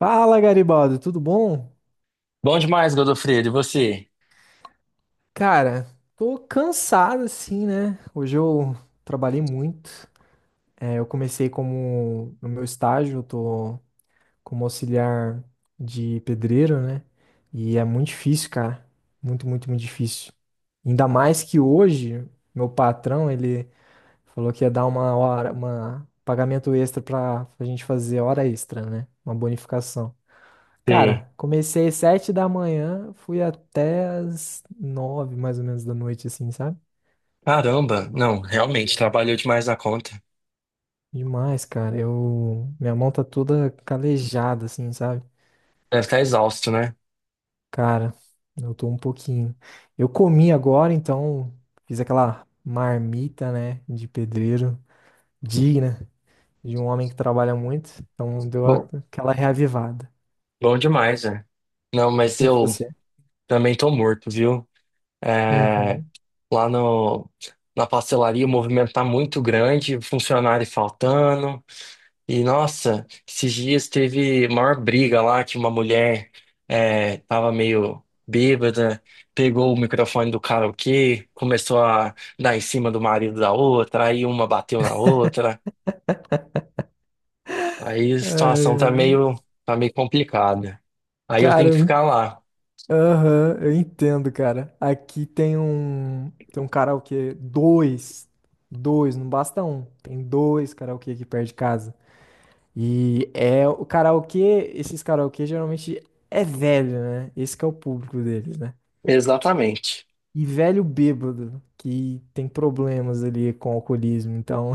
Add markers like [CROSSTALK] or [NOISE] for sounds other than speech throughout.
Fala, Garibaldo, tudo bom? Bom demais, Godofredo, e você? Cara, tô cansado assim, né? Hoje eu trabalhei muito. É, eu comecei como no meu estágio, eu tô como auxiliar de pedreiro, né? E é muito difícil, cara. Muito, muito, muito difícil. Ainda mais que hoje, meu patrão, ele falou que ia dar uma hora, uma pagamento extra pra gente fazer hora extra, né? Uma bonificação. Sim. Cara, comecei às 7 da manhã, fui até às 9, mais ou menos, da noite, assim, sabe? Caramba, não, realmente, Juro. trabalhou demais na conta. Demais, cara. Eu... Minha mão tá toda calejada, assim, sabe? Deve estar exausto, né? Cara, eu tô um pouquinho. Eu comi agora, então fiz aquela marmita, né, de pedreiro, digna de um homem que trabalha muito. Então deu Bom, aquela reavivada. bom demais, né? Não, mas E eu você? também tô morto, viu? É, Uhum. lá no, na pastelaria o movimento tá muito grande, funcionário faltando. E nossa, esses dias teve maior briga lá que uma mulher tava meio bêbada, pegou o microfone do karaokê, começou a dar em cima do marido da outra, aí uma bateu na outra. Aí a situação Ai, tá ai. meio, tá meio complicada. Aí eu Cara, tenho que eu ficar lá. aham, eu entendo, cara. Aqui tem um karaokê, dois, dois, não basta um. Tem dois karaokê aqui perto de casa. E é o karaokê, esses karaokê geralmente é velho, né? Esse que é o público deles, né? Exatamente. E velho bêbado, que tem problemas ali com alcoolismo, então.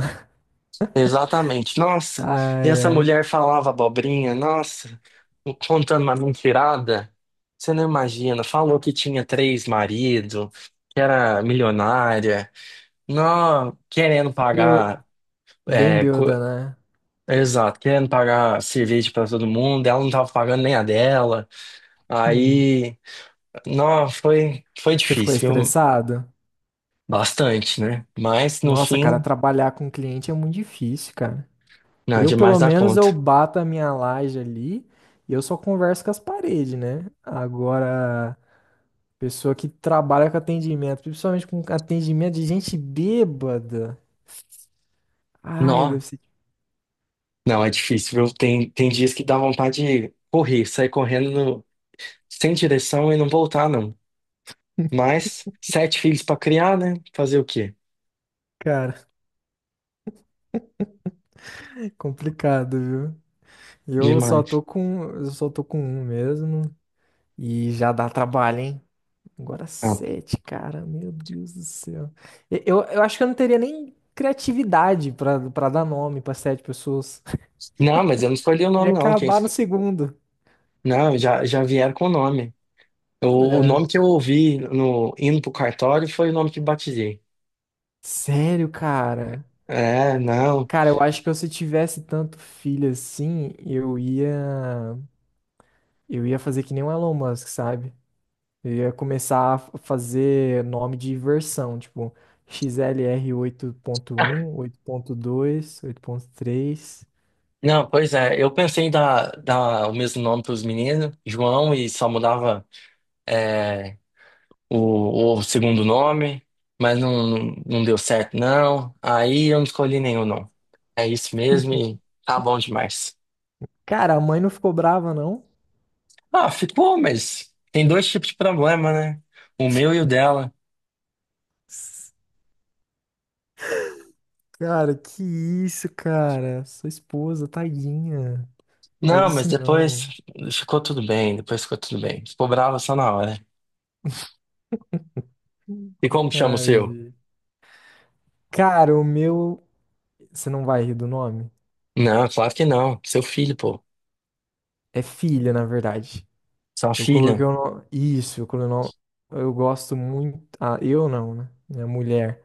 Exatamente. [LAUGHS] Nossa, e Ai, essa ai. mulher falava abobrinha, nossa, contando uma mentirada. Você não imagina, falou que tinha três maridos, que era milionária, não, querendo Bê- pagar, Bem é, co- bêbada, né? exato, querendo pagar cerveja para todo mundo, ela não tava pagando nem a dela. Hum. Aí, não, foi Você ficou difícil, viu? estressado? Bastante, né? Mas no Nossa, cara, fim, trabalhar com cliente é muito difícil, cara. não, Eu, demais pelo da menos, eu conta. bato a minha laje ali e eu só converso com as paredes, né? Agora, pessoa que trabalha com atendimento, principalmente com atendimento de gente bêbada. Ai, Não, deve ser, não, é difícil, viu? Tem dias que dá vontade de correr, sair correndo sem direção e não voltar, não. Mas sete filhos pra criar, né? Fazer o quê? cara, [LAUGHS] complicado, viu? Eu só Demais. tô com, eu só tô com um mesmo e já dá trabalho, hein? Agora Ah, sete, cara, meu Deus do céu. Eu acho que eu não teria nem criatividade pra para dar nome pra sete pessoas. não, mas eu não escolhi o [LAUGHS] Ia nome, não. Acabar no segundo. Não, já vieram com o nome. O É. nome que eu ouvi no indo pro cartório foi o nome que batizei. Sério, cara? É, não. Cara, eu acho que se eu tivesse tanto filho assim, eu ia fazer que nem o Elon Musk, sabe? Eu ia começar a fazer nome de versão, tipo XLR 8.1, 8.2, 8.3. Não, pois é. Eu pensei em dar o mesmo nome pros meninos, João, e só mudava. é, o segundo nome, mas não, não deu certo, não. Aí eu não escolhi nenhum, não. É isso mesmo e tá bom demais. Cara, a mãe não ficou brava, não? Ah, ficou, mas tem dois tipos de problema, né? O meu e o dela. S- Cara, que isso, cara? Sua esposa, tadinha. Faz Não, mas isso depois não. ficou tudo bem, depois ficou tudo bem. Ficou brava só na hora. E como chama o Ai, seu? gente. Cara, o meu. Você não vai rir do nome? Não, claro que não. Seu filho, pô. É filha, na verdade. Sua Eu filha. coloquei o nome. Isso, eu coloquei o nome. Eu gosto muito. Ah, eu não, né? Minha mulher.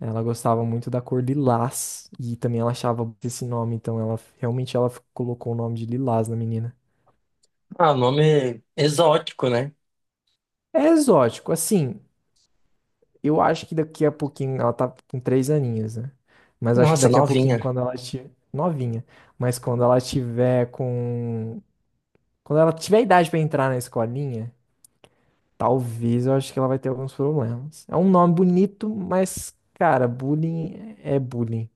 Ela gostava muito da cor lilás. E também ela achava esse nome. Então ela realmente ela colocou o nome de lilás na menina. Ah, nome exótico, né? É exótico, assim. Eu acho que daqui a pouquinho. Ela tá com 3 aninhos, né? Mas acho que Nossa, daqui a pouquinho, novinha. quando ela estiver. Novinha. Mas quando ela tiver com. Quando ela tiver idade pra entrar na escolinha. Talvez eu acho que ela vai ter alguns problemas. É um nome bonito, mas, cara, bullying é bullying.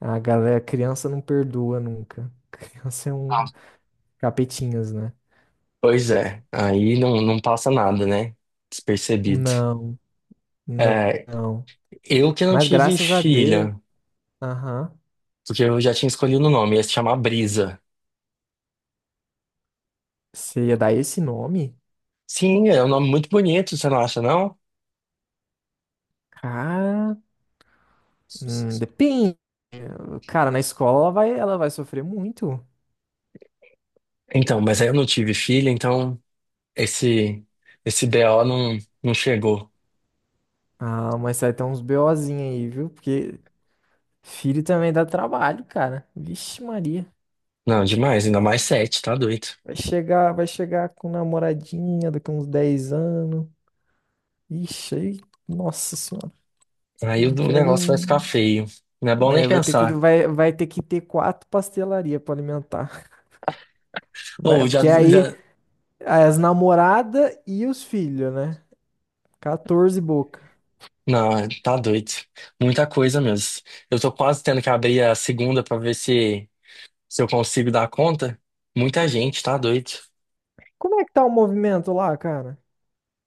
A galera, criança não perdoa nunca. [LAUGHS] Criança é Ah, um capetinhas, né? pois é. Aí não, não passa nada, né? Despercebido. Não, não, É, não. eu que não Mas tive graças a Deus, filha, aham. porque eu já tinha escolhido o nome, ia se chamar Brisa. Você ia dar esse nome? Sim, é um nome muito bonito, você não acha, não? Cara, depende. Cara, na escola ela vai sofrer muito. Então, mas aí eu não tive filha, então esse esse BO não, não chegou. Ah, mas vai ter uns BOzinhos aí, viu? Porque filho também dá trabalho, cara. Vixe, Maria. Não, demais, ainda mais sete, tá doido. Vai chegar com namoradinha daqui a uns 10 anos. Ixi, aí, nossa senhora, Aí não o quero negócio vai ficar nem. feio. Não é bom Né, nem vai ter que, pensar. vai, vai ter que ter quatro pastelarias pra alimentar. Vai, Ou já, porque aí já. as namoradas e os filhos, né? 14 boca. Não, tá doido. Muita coisa mesmo. Eu tô quase tendo que abrir a segunda pra ver se eu consigo dar conta. Muita gente, tá doido. Como é que tá o movimento lá, cara?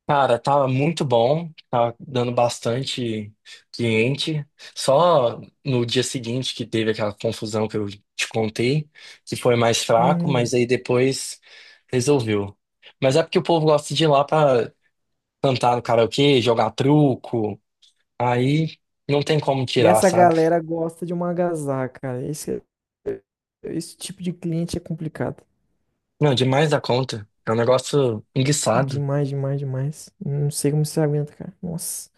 Cara, tava muito bom, tava dando bastante cliente. Só no dia seguinte que teve aquela confusão que eu te contei, que foi mais fraco, Uhum. mas aí depois resolveu. Mas é porque o povo gosta de ir lá pra cantar no karaokê, jogar truco, aí não tem como E tirar, essa sabe? galera gosta de uma agasalho, cara. Esse tipo de cliente é complicado. Não, demais da conta. É um negócio enguiçado. Demais, demais, demais. Não sei como você aguenta, cara. Nossa.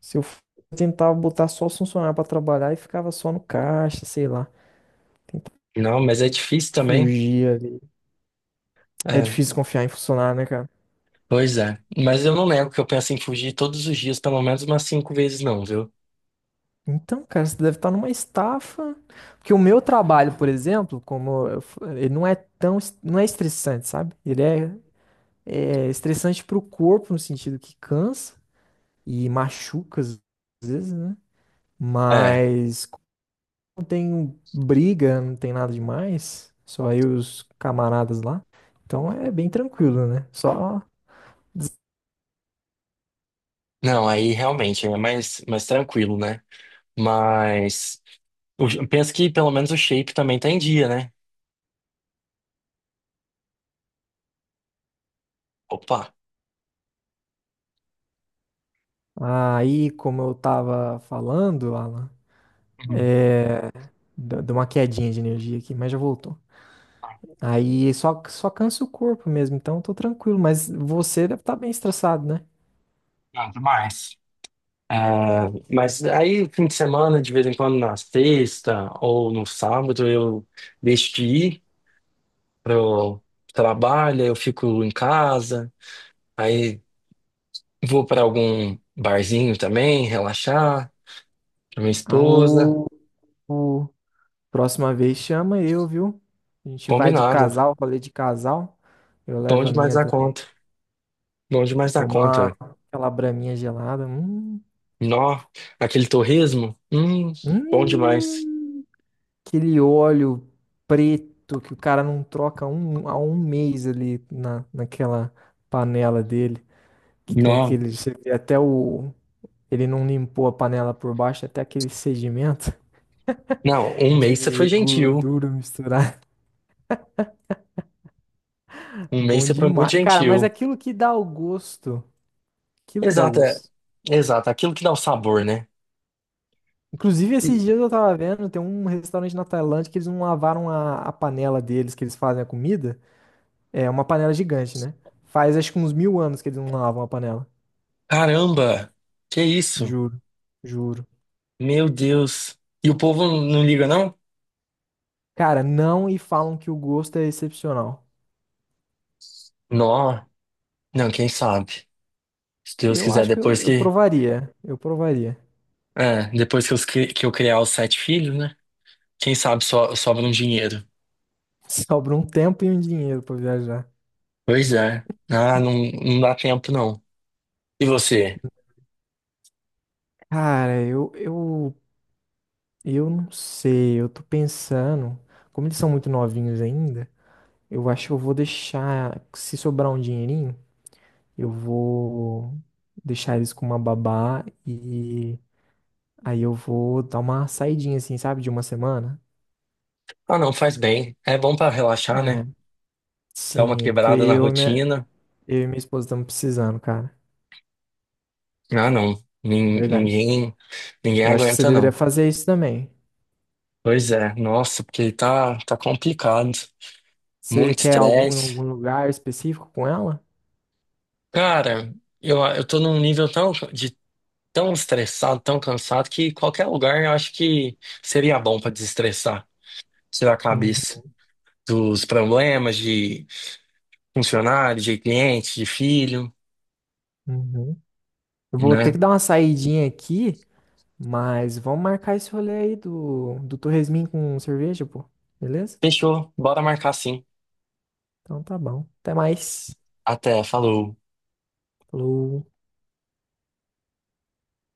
Se eu f- eu tentava botar só os funcionários pra trabalhar e ficava só no caixa, sei lá. Tentava Não, mas é difícil também. fugir ali. É É, difícil confiar em funcionário, né, cara? pois é. Mas eu não nego que eu penso em fugir todos os dias, pelo menos umas cinco vezes, não, viu? Então, cara, você deve estar numa estafa. Porque o meu trabalho, por exemplo, ele não é tão, não é estressante, sabe? Ele é, é estressante pro corpo, no sentido que cansa e machuca às vezes, né? É, Mas não tem briga, não tem nada demais. Só eu e os camaradas lá. Então é bem tranquilo, né? Des- não, aí realmente é mais, tranquilo, né? Mas penso que pelo menos o shape também tá em dia, né? Opa! Aí, como eu tava falando, Alan, Uhum. deu uma quedinha de energia aqui, mas já voltou. Aí só cansa o corpo mesmo, então eu tô tranquilo. Mas você deve estar bem estressado, né? Não, demais. É, mas aí, fim de semana, de vez em quando, na sexta ou no sábado, eu deixo de ir pro trabalho, eu fico em casa, aí vou para algum barzinho também, relaxar, com minha Ah, esposa. o- o- Próxima vez chama eu, viu? A gente vai de Combinado. casal, rolê de casal. Eu Bom levo a demais minha da também. conta. Bom demais da conta. Tomar É. aquela braminha gelada. Hum. Nó, aquele torresmo? Bom demais. Hum, aquele óleo preto que o cara não troca há um mês ali naquela panela dele, que tem Nó. aquele, você vê até o, ele não limpou a panela por baixo, até aquele sedimento Não, [LAUGHS] um mês você foi de gentil. gordura misturada. [LAUGHS] Um mês Bom você foi muito demais. Cara, mas gentil. aquilo que dá o gosto, aquilo que dá o Exato, é. gosto. Exato, aquilo que dá o sabor, né? Inclusive, esses E- dias eu tava vendo, tem um restaurante na Tailândia que eles não lavaram a panela deles, que eles fazem a comida. É uma panela gigante, né? Faz acho que uns 1.000 anos que eles não lavam a panela. Caramba, que isso? Juro, juro. Meu Deus. E o povo não liga, não? Cara, não e falam que o gosto é excepcional. Nó, não, quem sabe? Se Deus Eu quiser, acho que eu, depois eu que, provaria. Eu provaria. é, depois que que eu criar os sete filhos, né? Quem sabe sobra um dinheiro. [LAUGHS] Sobra um tempo e um dinheiro pra viajar. Pois é. Ah, não, não dá tempo, não. E você? Cara, eu não sei. Eu tô pensando. Como eles são muito novinhos ainda, eu acho que eu vou deixar. Se sobrar um dinheirinho, eu vou deixar eles com uma babá e aí eu vou dar uma saidinha, assim, sabe? De uma semana. Ah, não, faz bem. É bom pra relaxar, né? É, Dar uma sim, porque quebrada na eu e minha, rotina. eu e minha esposa estamos precisando, cara. Ah, não. De Nin- verdade. Ninguém, ninguém Eu acho que você aguenta, deveria não. fazer isso também. Pois é, nossa, porque tá complicado. Você Muito quer algum, estresse. algum lugar específico com ela? Cara, eu tô num nível de tão estressado, tão cansado, que qualquer lugar eu acho que seria bom pra desestressar, tirar a Uhum, cabeça dos problemas de funcionário, de cliente, de filho, uhum. Eu vou ter que né? dar uma saidinha aqui, mas vamos marcar esse rolê aí do Torresmin com cerveja, pô. Beleza? Fechou, bora marcar sim. Então tá bom. Até mais. Até, falou. Falou.